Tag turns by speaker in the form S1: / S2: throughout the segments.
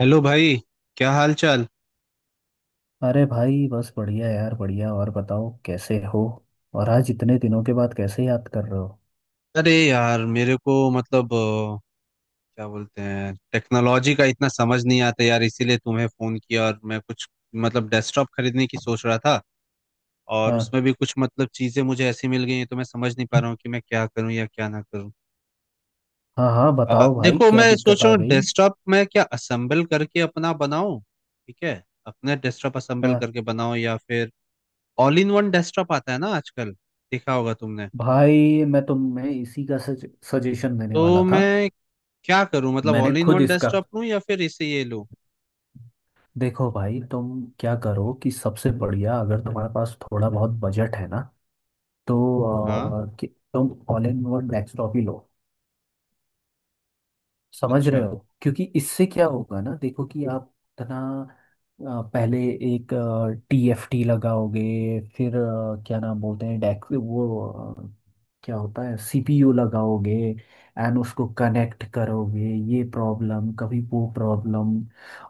S1: Hello भाई। क्या हाल चाल।
S2: अरे भाई, बस बढ़िया यार, बढ़िया। और बताओ, कैसे हो? और आज इतने दिनों के बाद कैसे याद कर रहे हो?
S1: अरे यार मेरे को मतलब क्या बोलते हैं, टेक्नोलॉजी का इतना समझ नहीं आता यार, इसीलिए तुम्हें फोन किया। और मैं कुछ मतलब डेस्कटॉप खरीदने की सोच रहा था, और
S2: हाँ,
S1: उसमें भी कुछ मतलब चीजें मुझे ऐसी मिल गई हैं तो मैं समझ नहीं पा रहा हूँ कि मैं क्या करूँ या क्या ना करूँ।
S2: हाँ, हाँ, बताओ भाई,
S1: देखो,
S2: क्या
S1: मैं
S2: दिक्कत
S1: सोच
S2: आ
S1: रहा हूँ
S2: गई?
S1: डेस्कटॉप मैं क्या असेंबल करके अपना बनाऊँ, ठीक है, अपना डेस्कटॉप असेंबल
S2: हाँ
S1: करके बनाऊँ, या फिर ऑल इन वन डेस्कटॉप आता है ना आजकल, देखा होगा तुमने।
S2: भाई, मैं तुम्हें इसी का सजेशन देने
S1: तो
S2: वाला था।
S1: मैं क्या करूं, मतलब
S2: मैंने
S1: ऑल इन
S2: खुद
S1: वन
S2: इसका।
S1: डेस्कटॉप लूं या फिर इसे ये लूं।
S2: देखो भाई, तुम क्या करो कि सबसे बढ़िया, अगर तुम्हारे पास थोड़ा बहुत बजट है ना, तो
S1: हाँ।
S2: कि तुम ऑल इन वन डेस्कटॉप ही लो। समझ रहे
S1: अच्छा,
S2: हो? क्योंकि इससे क्या होगा ना, देखो कि आप इतना पहले एक टीएफटी लगाओगे, फिर क्या नाम बोलते हैं डेक वो क्या होता है, सीपीयू लगाओगे, एंड उसको कनेक्ट करोगे, ये प्रॉब्लम कभी वो प्रॉब्लम।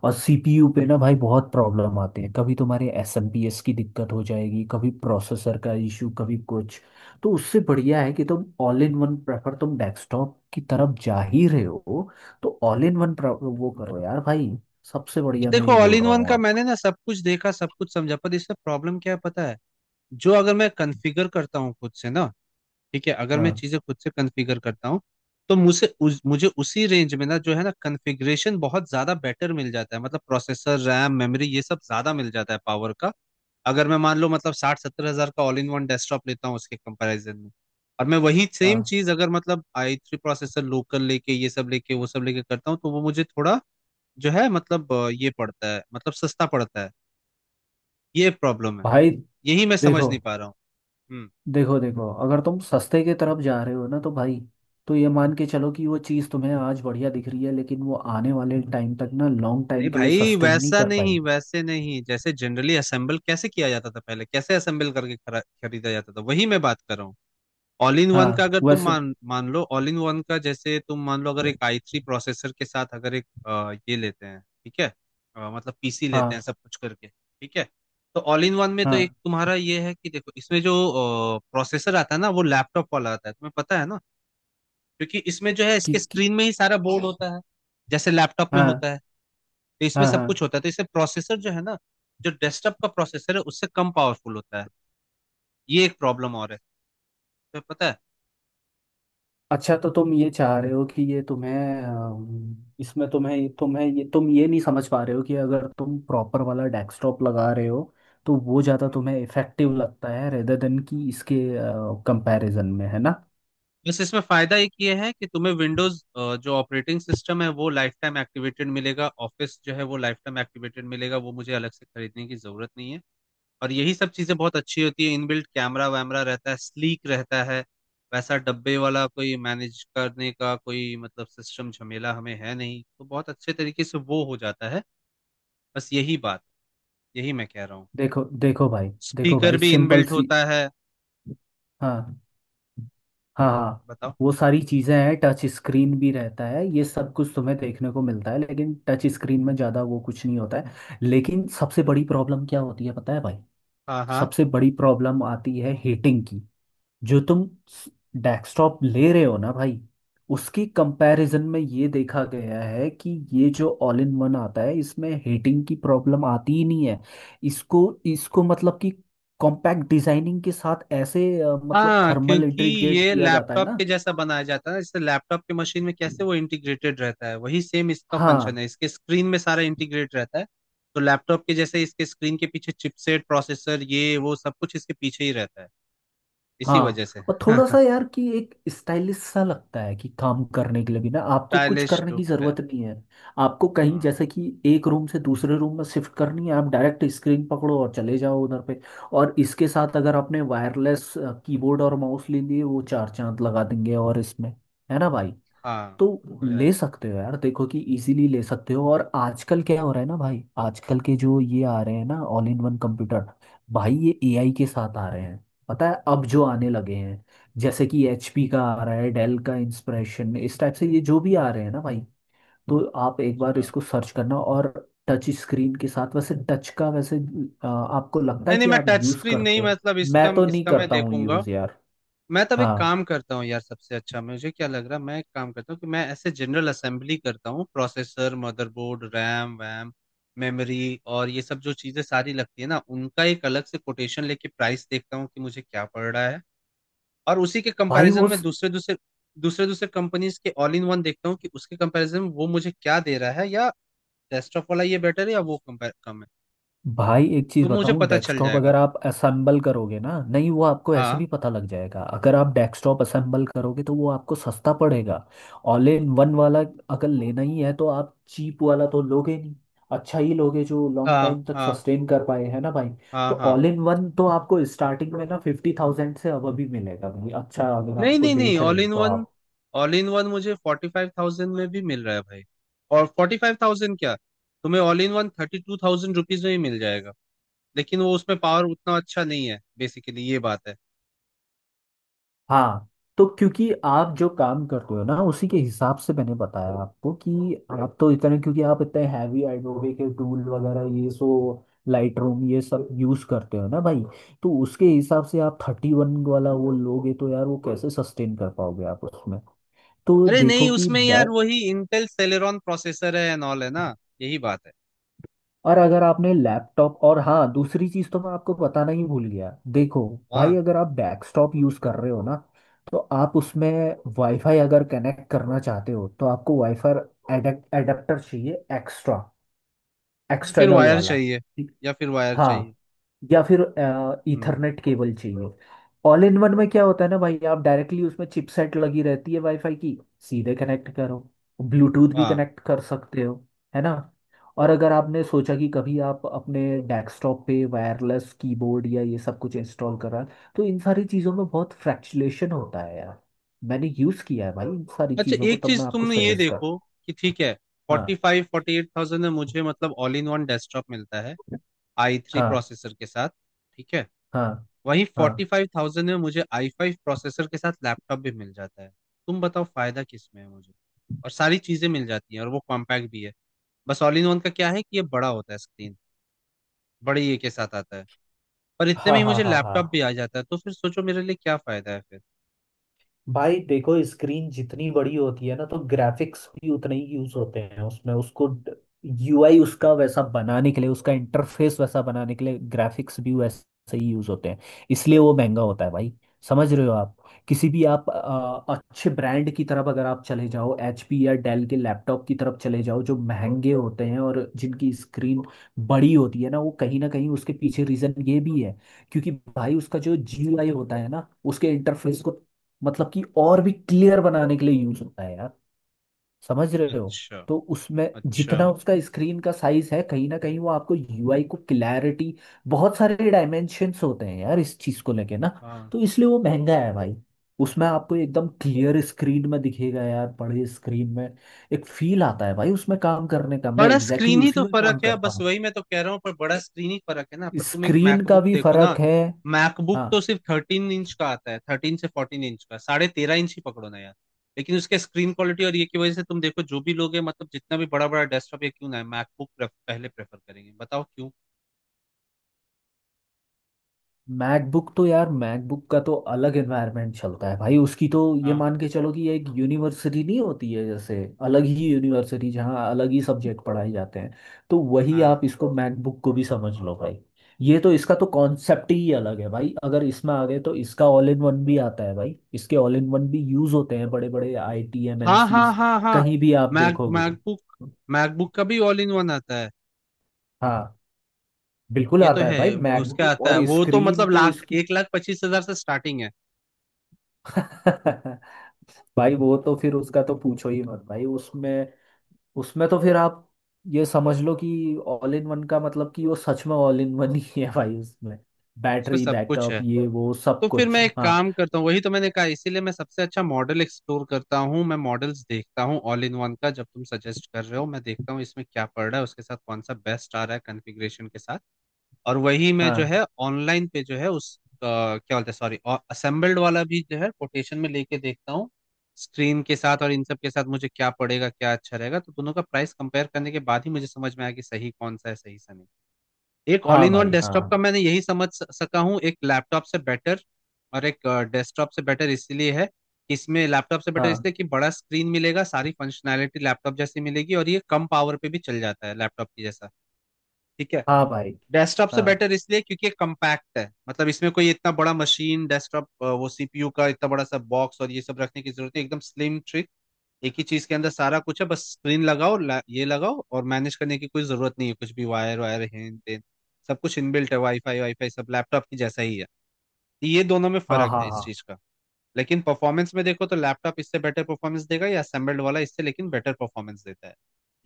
S2: और सीपीयू पे ना भाई बहुत प्रॉब्लम आते हैं, कभी तुम्हारे एसएमपीएस की दिक्कत हो जाएगी, कभी प्रोसेसर का इशू, कभी कुछ। तो उससे बढ़िया है कि तुम ऑल इन वन प्रेफर, तुम डेस्कटॉप की तरफ जा ही रहे हो तो ऑल इन वन वो करो यार भाई। सबसे बढ़िया मैं
S1: देखो
S2: ये
S1: ऑल
S2: बोल
S1: इन
S2: रहा
S1: वन
S2: हूँ
S1: का
S2: आप।
S1: मैंने ना सब कुछ देखा, सब कुछ समझा, पर इसमें प्रॉब्लम क्या है पता है, जो अगर मैं कॉन्फ़िगर करता हूँ खुद से ना, ठीक है, अगर मैं
S2: हाँ,
S1: चीजें खुद से कॉन्फ़िगर करता हूँ तो मुझे मुझे उसी रेंज में ना जो है ना कॉन्फ़िगरेशन बहुत ज्यादा बेटर मिल जाता है, मतलब प्रोसेसर, रैम, मेमोरी, ये सब ज्यादा मिल जाता है, पावर का। अगर मैं मान लो मतलब 60-70 हज़ार का ऑल इन वन डेस्कटॉप लेता हूँ उसके कंपैरिजन में, और मैं वही सेम
S2: हाँ
S1: चीज अगर मतलब आई थ्री प्रोसेसर लोकल लेके, ये सब लेके, वो सब लेके करता हूँ, तो वो मुझे थोड़ा जो है मतलब ये पड़ता है, मतलब सस्ता पड़ता है। ये प्रॉब्लम है,
S2: भाई,
S1: यही मैं समझ
S2: देखो
S1: नहीं पा रहा हूँ। हम्म।
S2: देखो देखो, अगर तुम सस्ते की तरफ जा रहे हो ना तो भाई, तो ये मान के चलो कि वो चीज़ तुम्हें आज बढ़िया दिख रही है, लेकिन वो आने वाले टाइम तक ना लॉन्ग
S1: नहीं
S2: टाइम के लिए
S1: भाई,
S2: सस्टेन नहीं
S1: वैसा
S2: कर
S1: नहीं,
S2: पाएगी।
S1: वैसे नहीं, जैसे जनरली असेंबल कैसे किया जाता था, पहले कैसे असेंबल करके खरीदा जाता था, वही मैं बात कर रहा हूँ। ऑल इन वन का
S2: हाँ
S1: अगर तुम
S2: वैसे।
S1: मान मान लो, ऑल इन वन का जैसे तुम मान लो, अगर एक आई थ्री प्रोसेसर के साथ अगर एक ये लेते हैं, ठीक है, मतलब पीसी लेते हैं
S2: हाँ,
S1: सब कुछ करके, ठीक है। तो ऑल इन वन में तो एक
S2: हाँ।
S1: तुम्हारा ये है कि देखो इसमें जो प्रोसेसर आता है ना, वो लैपटॉप वाला आता है, तुम्हें पता है ना, क्योंकि इसमें जो है
S2: कि,
S1: इसके
S2: कि
S1: स्क्रीन में ही सारा बोर्ड होता है जैसे लैपटॉप में
S2: हाँ,
S1: होता है, तो इसमें
S2: हाँ,
S1: सब कुछ
S2: हाँ।
S1: होता है, तो इससे प्रोसेसर जो है ना, जो डेस्कटॉप का प्रोसेसर है उससे कम पावरफुल होता है। ये एक प्रॉब्लम और है, तुम्हें पता
S2: अच्छा, तो तुम ये चाह रहे हो कि ये तुम्हें इसमें तुम्हें तुम्हें ये तुम ये नहीं समझ पा रहे हो कि अगर तुम प्रॉपर वाला डेस्कटॉप लगा रहे हो, तो वो ज़्यादा
S1: है।
S2: तुम्हें इफेक्टिव लगता है रेदर देन कि इसके कंपैरिजन में, है ना?
S1: बस इसमें फायदा एक ये है कि तुम्हें विंडोज जो ऑपरेटिंग सिस्टम है वो लाइफ टाइम एक्टिवेटेड मिलेगा, ऑफिस जो है वो लाइफ टाइम एक्टिवेटेड मिलेगा, वो मुझे अलग से खरीदने की जरूरत नहीं है। और यही सब चीजें बहुत अच्छी होती है, इनबिल्ट कैमरा वैमरा रहता है, स्लीक रहता है, वैसा डब्बे वाला कोई मैनेज करने का कोई मतलब सिस्टम झमेला हमें है नहीं, तो बहुत अच्छे तरीके से वो हो जाता है। बस यही बात, यही मैं कह रहा हूँ।
S2: देखो देखो भाई, देखो
S1: स्पीकर
S2: भाई,
S1: भी
S2: सिंपल
S1: इनबिल्ट
S2: सी।
S1: होता है।
S2: हाँ, हाँ, हाँ।
S1: बताओ।
S2: वो सारी चीज़ें हैं, टच स्क्रीन भी रहता है, ये सब कुछ तुम्हें देखने को मिलता है, लेकिन टच स्क्रीन में ज़्यादा वो कुछ नहीं होता है। लेकिन सबसे बड़ी प्रॉब्लम क्या होती है पता है भाई?
S1: हाँ हाँ
S2: सबसे बड़ी प्रॉब्लम आती है हीटिंग की। जो तुम डेस्कटॉप ले रहे हो ना भाई, उसकी कंपैरिजन में ये देखा गया है कि ये जो ऑल इन वन आता है इसमें हीटिंग की प्रॉब्लम आती ही नहीं है। इसको इसको मतलब कि कॉम्पैक्ट डिजाइनिंग के साथ ऐसे मतलब
S1: हाँ,
S2: थर्मल
S1: क्योंकि
S2: इंटीग्रेट
S1: ये
S2: किया जाता है
S1: लैपटॉप
S2: ना।
S1: के जैसा बनाया जाता है ना, जैसे लैपटॉप के मशीन में कैसे वो इंटीग्रेटेड रहता है, वही सेम इसका फंक्शन
S2: हाँ,
S1: है, इसके स्क्रीन में सारा इंटीग्रेट रहता है, तो लैपटॉप के जैसे इसके स्क्रीन के पीछे चिपसेट, प्रोसेसर, ये वो सब कुछ इसके पीछे ही रहता है, इसी
S2: हाँ।
S1: वजह से
S2: और थोड़ा सा यार कि एक स्टाइलिश सा लगता है कि काम करने के लिए भी ना आपको कुछ
S1: स्टाइलिश
S2: करने की
S1: लुक है।
S2: जरूरत नहीं है। आपको कहीं,
S1: हाँ
S2: जैसे कि एक रूम से दूसरे रूम में शिफ्ट करनी है, आप डायरेक्ट स्क्रीन पकड़ो और चले जाओ उधर पे। और इसके साथ अगर आपने वायरलेस कीबोर्ड और माउस ले लिए, वो चार चांद लगा देंगे। और इसमें, है ना भाई?
S1: हाँ,
S2: तो
S1: वो है।
S2: ले सकते हो यार, देखो कि इजीली ले सकते हो। और आजकल क्या हो रहा है ना भाई, आजकल के जो ये आ रहे हैं ना ऑल इन वन कंप्यूटर, भाई ये एआई के साथ आ रहे हैं। पता है अब जो आने लगे हैं, जैसे कि एचपी का आ रहा है, डेल का इंस्पिरेशन, इस टाइप से ये जो भी आ रहे हैं ना भाई। तो आप एक बार
S1: अच्छा,
S2: इसको सर्च करना। और टच स्क्रीन के साथ, वैसे टच का, वैसे आपको लगता है
S1: नहीं नहीं,
S2: कि
S1: मैं
S2: आप
S1: टच
S2: यूज
S1: स्क्रीन नहीं,
S2: करते हो?
S1: मतलब इसका,
S2: मैं तो नहीं
S1: इसका मैं
S2: करता हूँ
S1: देखूंगा।
S2: यूज यार।
S1: मैं तब एक
S2: हाँ
S1: काम करता हूँ यार, सबसे अच्छा मुझे क्या लग रहा है, मैं एक काम करता हूँ कि मैं ऐसे जनरल असेंबली करता हूँ, प्रोसेसर, मदरबोर्ड, रैम वैम, मेमोरी और ये सब जो चीज़ें सारी लगती है ना, उनका एक अलग से कोटेशन लेके प्राइस देखता हूँ कि मुझे क्या पड़ रहा है, और उसी के
S2: भाई।
S1: कंपैरिजन
S2: वो
S1: में दूसरे दूसरे दूसरे दूसरे कंपनीज के ऑल इन वन देखता हूँ, कि उसके कंपैरिजन में वो मुझे क्या दे रहा है, या डेस्कटॉप वाला ये बेटर है या वो कंपेयर कम है,
S2: भाई, एक चीज
S1: तो मुझे
S2: बताऊं,
S1: पता चल
S2: डेस्कटॉप
S1: जाएगा।
S2: अगर आप असेंबल करोगे ना, नहीं वो आपको ऐसे
S1: हाँ
S2: भी पता लग जाएगा, अगर आप डेस्कटॉप असेंबल करोगे तो वो आपको सस्ता पड़ेगा। ऑल इन वन वाला अगर लेना ही है तो आप चीप वाला तो लोगे नहीं, अच्छा ही लोगे, जो लॉन्ग
S1: हाँ
S2: टाइम तक
S1: हाँ
S2: सस्टेन कर पाए, है ना भाई?
S1: हाँ
S2: तो
S1: हाँ।
S2: ऑल इन वन तो आपको स्टार्टिंग में ना 50,000 से अब अभी मिलेगा भाई, अच्छा अगर
S1: नहीं
S2: आपको,
S1: नहीं नहीं,
S2: देख रहे
S1: ऑल
S2: हो
S1: इन
S2: तो
S1: वन,
S2: आप।
S1: ऑल इन वन मुझे 45,000 में भी मिल रहा है भाई। और 45,000 क्या, तुम्हें ऑल इन वन 32,000 रुपीज में ही मिल जाएगा, लेकिन वो उसमें पावर उतना अच्छा नहीं है, बेसिकली ये बात है।
S2: हाँ। तो क्योंकि आप जो काम करते हो ना उसी के हिसाब से मैंने बताया आपको कि आप तो इतने, क्योंकि आप इतने हैवी एडोबे के टूल वगैरह, ये सो लाइट रूम, ये सब यूज करते हो ना भाई। तो उसके हिसाब से आप 31 वाला वो लोगे तो यार वो कैसे सस्टेन कर पाओगे आप उसमें? तो
S1: अरे
S2: देखो
S1: नहीं,
S2: कि
S1: उसमें यार
S2: बैक।
S1: वही इंटेल सेलेरॉन प्रोसेसर है एंड ऑल, है ना, यही बात है।
S2: और अगर आपने लैपटॉप, और हाँ दूसरी चीज़ तो मैं आपको बताना ही भूल गया, देखो भाई,
S1: हाँ,
S2: अगर आप डेस्कटॉप यूज़ कर रहे हो ना, तो आप उसमें वाईफाई अगर कनेक्ट करना चाहते हो तो आपको वाईफाई एडेप्टर चाहिए, एक्स्ट्रा,
S1: फिर
S2: एक्सटर्नल
S1: वायर
S2: वाला।
S1: चाहिए, या फिर वायर
S2: हाँ।
S1: चाहिए।
S2: या फिर
S1: हम्म।
S2: ईथरनेट केबल चाहिए। ऑल इन वन में क्या होता है ना भाई, आप डायरेक्टली उसमें चिपसेट लगी रहती है वाईफाई की, सीधे कनेक्ट करो, ब्लूटूथ भी
S1: हाँ,
S2: कनेक्ट कर सकते हो, है ना? और अगर आपने सोचा कि कभी आप अपने डेस्कटॉप पे वायरलेस कीबोर्ड या ये सब कुछ इंस्टॉल करा है, तो इन सारी चीज़ों में बहुत फ्रैक्चुलेशन होता है यार। मैंने यूज़ किया है भाई इन सारी
S1: अच्छा
S2: चीज़ों को,
S1: एक
S2: तब मैं
S1: चीज
S2: आपको
S1: तुमने ये
S2: सजेस्ट कर।
S1: देखो, कि ठीक है, फोर्टी
S2: हाँ,
S1: फाइव फोर्टी एट थाउजेंड में मुझे मतलब ऑल इन वन डेस्कटॉप मिलता है आई थ्री
S2: हाँ,
S1: प्रोसेसर के साथ, ठीक है।
S2: हाँ,
S1: वहीं फोर्टी
S2: हाँ।
S1: फाइव थाउजेंड में मुझे आई फाइव प्रोसेसर के साथ लैपटॉप भी मिल जाता है, तुम बताओ फायदा किस में है मुझे, और सारी चीजें मिल जाती हैं और वो कॉम्पैक्ट भी है। बस ऑल इन वन का क्या है, कि ये बड़ा होता है स्क्रीन, बड़े ये के साथ आता है, पर इतने में
S2: हाँ,
S1: ही
S2: हाँ,
S1: मुझे
S2: हाँ,
S1: लैपटॉप भी
S2: हाँ।
S1: आ जाता है, तो फिर सोचो मेरे लिए क्या फायदा है फिर।
S2: भाई देखो, स्क्रीन जितनी बड़ी होती है ना तो ग्राफिक्स भी उतने ही यूज होते हैं उसमें, उसको यूआई उसका वैसा बनाने के लिए, उसका इंटरफेस वैसा बनाने के लिए, ग्राफिक्स भी वैसे ही यूज होते हैं, इसलिए वो महंगा होता है भाई। समझ रहे हो आप? किसी भी आप अच्छे ब्रांड की तरफ अगर आप चले जाओ, एचपी या डेल के लैपटॉप की तरफ चले जाओ, जो महंगे होते हैं और जिनकी स्क्रीन बड़ी होती है ना, वो कहीं ना कहीं उसके पीछे रीजन ये भी है। क्योंकि भाई उसका जो जीयूआई होता है ना, उसके इंटरफेस को मतलब कि और भी क्लियर बनाने के लिए यूज होता है यार। समझ रहे हो?
S1: अच्छा,
S2: तो उसमें
S1: अच्छा।
S2: जितना उसका स्क्रीन का साइज है, कहीं ना कहीं वो आपको यूआई को क्लैरिटी, बहुत सारे डायमेंशंस होते हैं यार इस चीज को लेके ना।
S1: हाँ,
S2: तो इसलिए वो महंगा है भाई। उसमें आपको एकदम क्लियर स्क्रीन में दिखेगा यार, बड़े स्क्रीन में एक फील आता है भाई उसमें काम करने का, मैं
S1: बड़ा
S2: एग्जैक्टली
S1: स्क्रीन
S2: exactly
S1: ही तो
S2: उसी में
S1: फर्क
S2: काम
S1: है
S2: करता
S1: बस,
S2: हूँ।
S1: वही मैं तो कह रहा हूँ, पर बड़ा स्क्रीन ही फर्क है ना, पर तुम एक
S2: स्क्रीन का
S1: मैकबुक
S2: भी
S1: देखो ना,
S2: फर्क है।
S1: मैकबुक
S2: हाँ,
S1: तो सिर्फ 13 इंच का आता है, 13 से 14 इंच का, 13.5 इंच ही पकड़ो ना यार, लेकिन उसके स्क्रीन क्वालिटी और ये की वजह से तुम देखो, जो भी लोग है मतलब जितना भी बड़ा बड़ा डेस्कटॉप या क्यों ना है, मैकबुक पहले प्रेफर करेंगे, बताओ क्यों।
S2: मैकबुक तो यार, मैकबुक का तो अलग एनवायरनमेंट चलता है भाई, उसकी तो ये
S1: हाँ
S2: मान के चलो कि ये एक यूनिवर्सिटी नहीं होती है, जैसे अलग ही यूनिवर्सिटी, जहाँ अलग ही सब्जेक्ट पढ़ाए जाते हैं, तो वही
S1: हाँ
S2: आप इसको मैकबुक को भी समझ लो भाई। ये तो, इसका तो कॉन्सेप्ट ही अलग है भाई। अगर इसमें आ गए तो इसका ऑल इन वन भी आता है भाई, इसके ऑल इन वन भी यूज होते हैं बड़े बड़े आईटी
S1: हाँ हाँ
S2: एमएनसीज,
S1: हाँ हाँ।
S2: कहीं भी आप देखोगे।
S1: मैकबुक, मैकबुक का भी ऑल इन वन आता है।
S2: हाँ, बिल्कुल
S1: ये तो
S2: आता है
S1: है,
S2: भाई
S1: उसका
S2: मैकबुक।
S1: आता है,
S2: और
S1: वो तो
S2: स्क्रीन
S1: मतलब
S2: तो
S1: लाख,
S2: इसकी
S1: 1 लाख 25 हज़ार से स्टार्टिंग है।
S2: भाई, वो तो फिर उसका तो पूछो ही मत भाई। उसमें उसमें तो फिर आप ये समझ लो कि ऑल इन वन का मतलब कि वो सच में ऑल इन वन ही है भाई। उसमें
S1: उसमें
S2: बैटरी
S1: सब कुछ
S2: बैकअप,
S1: है।
S2: ये वो सब
S1: तो फिर
S2: कुछ।
S1: मैं एक
S2: हाँ।
S1: काम करता हूँ, वही तो मैंने कहा, इसीलिए मैं सबसे अच्छा मॉडल एक्सप्लोर करता हूँ, मैं मॉडल्स देखता हूँ ऑल इन वन का, जब तुम सजेस्ट कर रहे हो, मैं देखता हूँ इसमें क्या पड़ रहा है, उसके साथ कौन सा बेस्ट आ रहा है कॉन्फ़िगरेशन के साथ, और वही मैं जो
S2: हाँ,
S1: है ऑनलाइन पे जो है उस क्या बोलते हैं, सॉरी, असेंबल्ड वाला भी जो है कोटेशन में लेके देखता हूँ, स्क्रीन के साथ और इन सब के साथ मुझे क्या पड़ेगा, क्या अच्छा रहेगा, तो दोनों का प्राइस कंपेयर करने के बाद ही मुझे समझ में आया कि सही कौन सा है सही सा नहीं। एक ऑल
S2: हाँ
S1: इन वन
S2: भाई। हाँ,
S1: डेस्कटॉप का
S2: हाँ,
S1: मैंने यही समझ सका हूँ, एक लैपटॉप से बेटर, और एक डेस्कटॉप से बेटर इसलिए है कि इसमें लैपटॉप से बेटर
S2: हाँ,
S1: इसलिए कि बड़ा स्क्रीन मिलेगा, सारी फंक्शनैलिटी लैपटॉप जैसी मिलेगी, और ये कम पावर पे भी चल जाता है लैपटॉप की जैसा, ठीक है।
S2: हाँ भाई।
S1: डेस्कटॉप से
S2: हाँ,
S1: बेटर इसलिए क्योंकि ये कम्पैक्ट है, मतलब इसमें कोई इतना बड़ा मशीन डेस्कटॉप, वो सीपीयू का इतना बड़ा सा बॉक्स और ये सब रखने की जरूरत नहीं, एकदम स्लिम ट्री, एक ही चीज के अंदर सारा कुछ है, बस स्क्रीन लगाओ, ये लगाओ और मैनेज करने की कोई जरूरत नहीं है कुछ भी, वायर वायर हेन टेन, सब कुछ इनबिल्ट है, वाईफाई वाईफाई सब लैपटॉप की जैसा ही है, ये दोनों में
S2: हाँ,
S1: फर्क
S2: हाँ,
S1: है इस
S2: हाँ,
S1: चीज का। लेकिन परफॉर्मेंस में देखो तो लैपटॉप इससे बेटर परफॉर्मेंस देगा, या असेंबल्ड वाला इससे लेकिन बेटर परफॉर्मेंस देता है,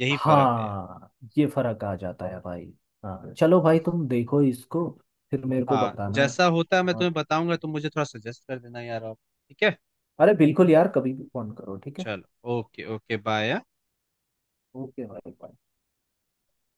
S1: यही फर्क है यार।
S2: हाँ। ये फर्क आ जाता है भाई। हाँ चलो भाई,
S1: बस,
S2: तुम देखो इसको, फिर मेरे को
S1: हाँ,
S2: बताना।
S1: जैसा होता है मैं
S2: और
S1: तुम्हें बताऊंगा, तुम मुझे थोड़ा सजेस्ट कर देना यार, आप ठीक है।
S2: अरे बिल्कुल यार, कभी भी फोन करो, ठीक है?
S1: चलो, ओके ओके बाय।
S2: ओके भाई।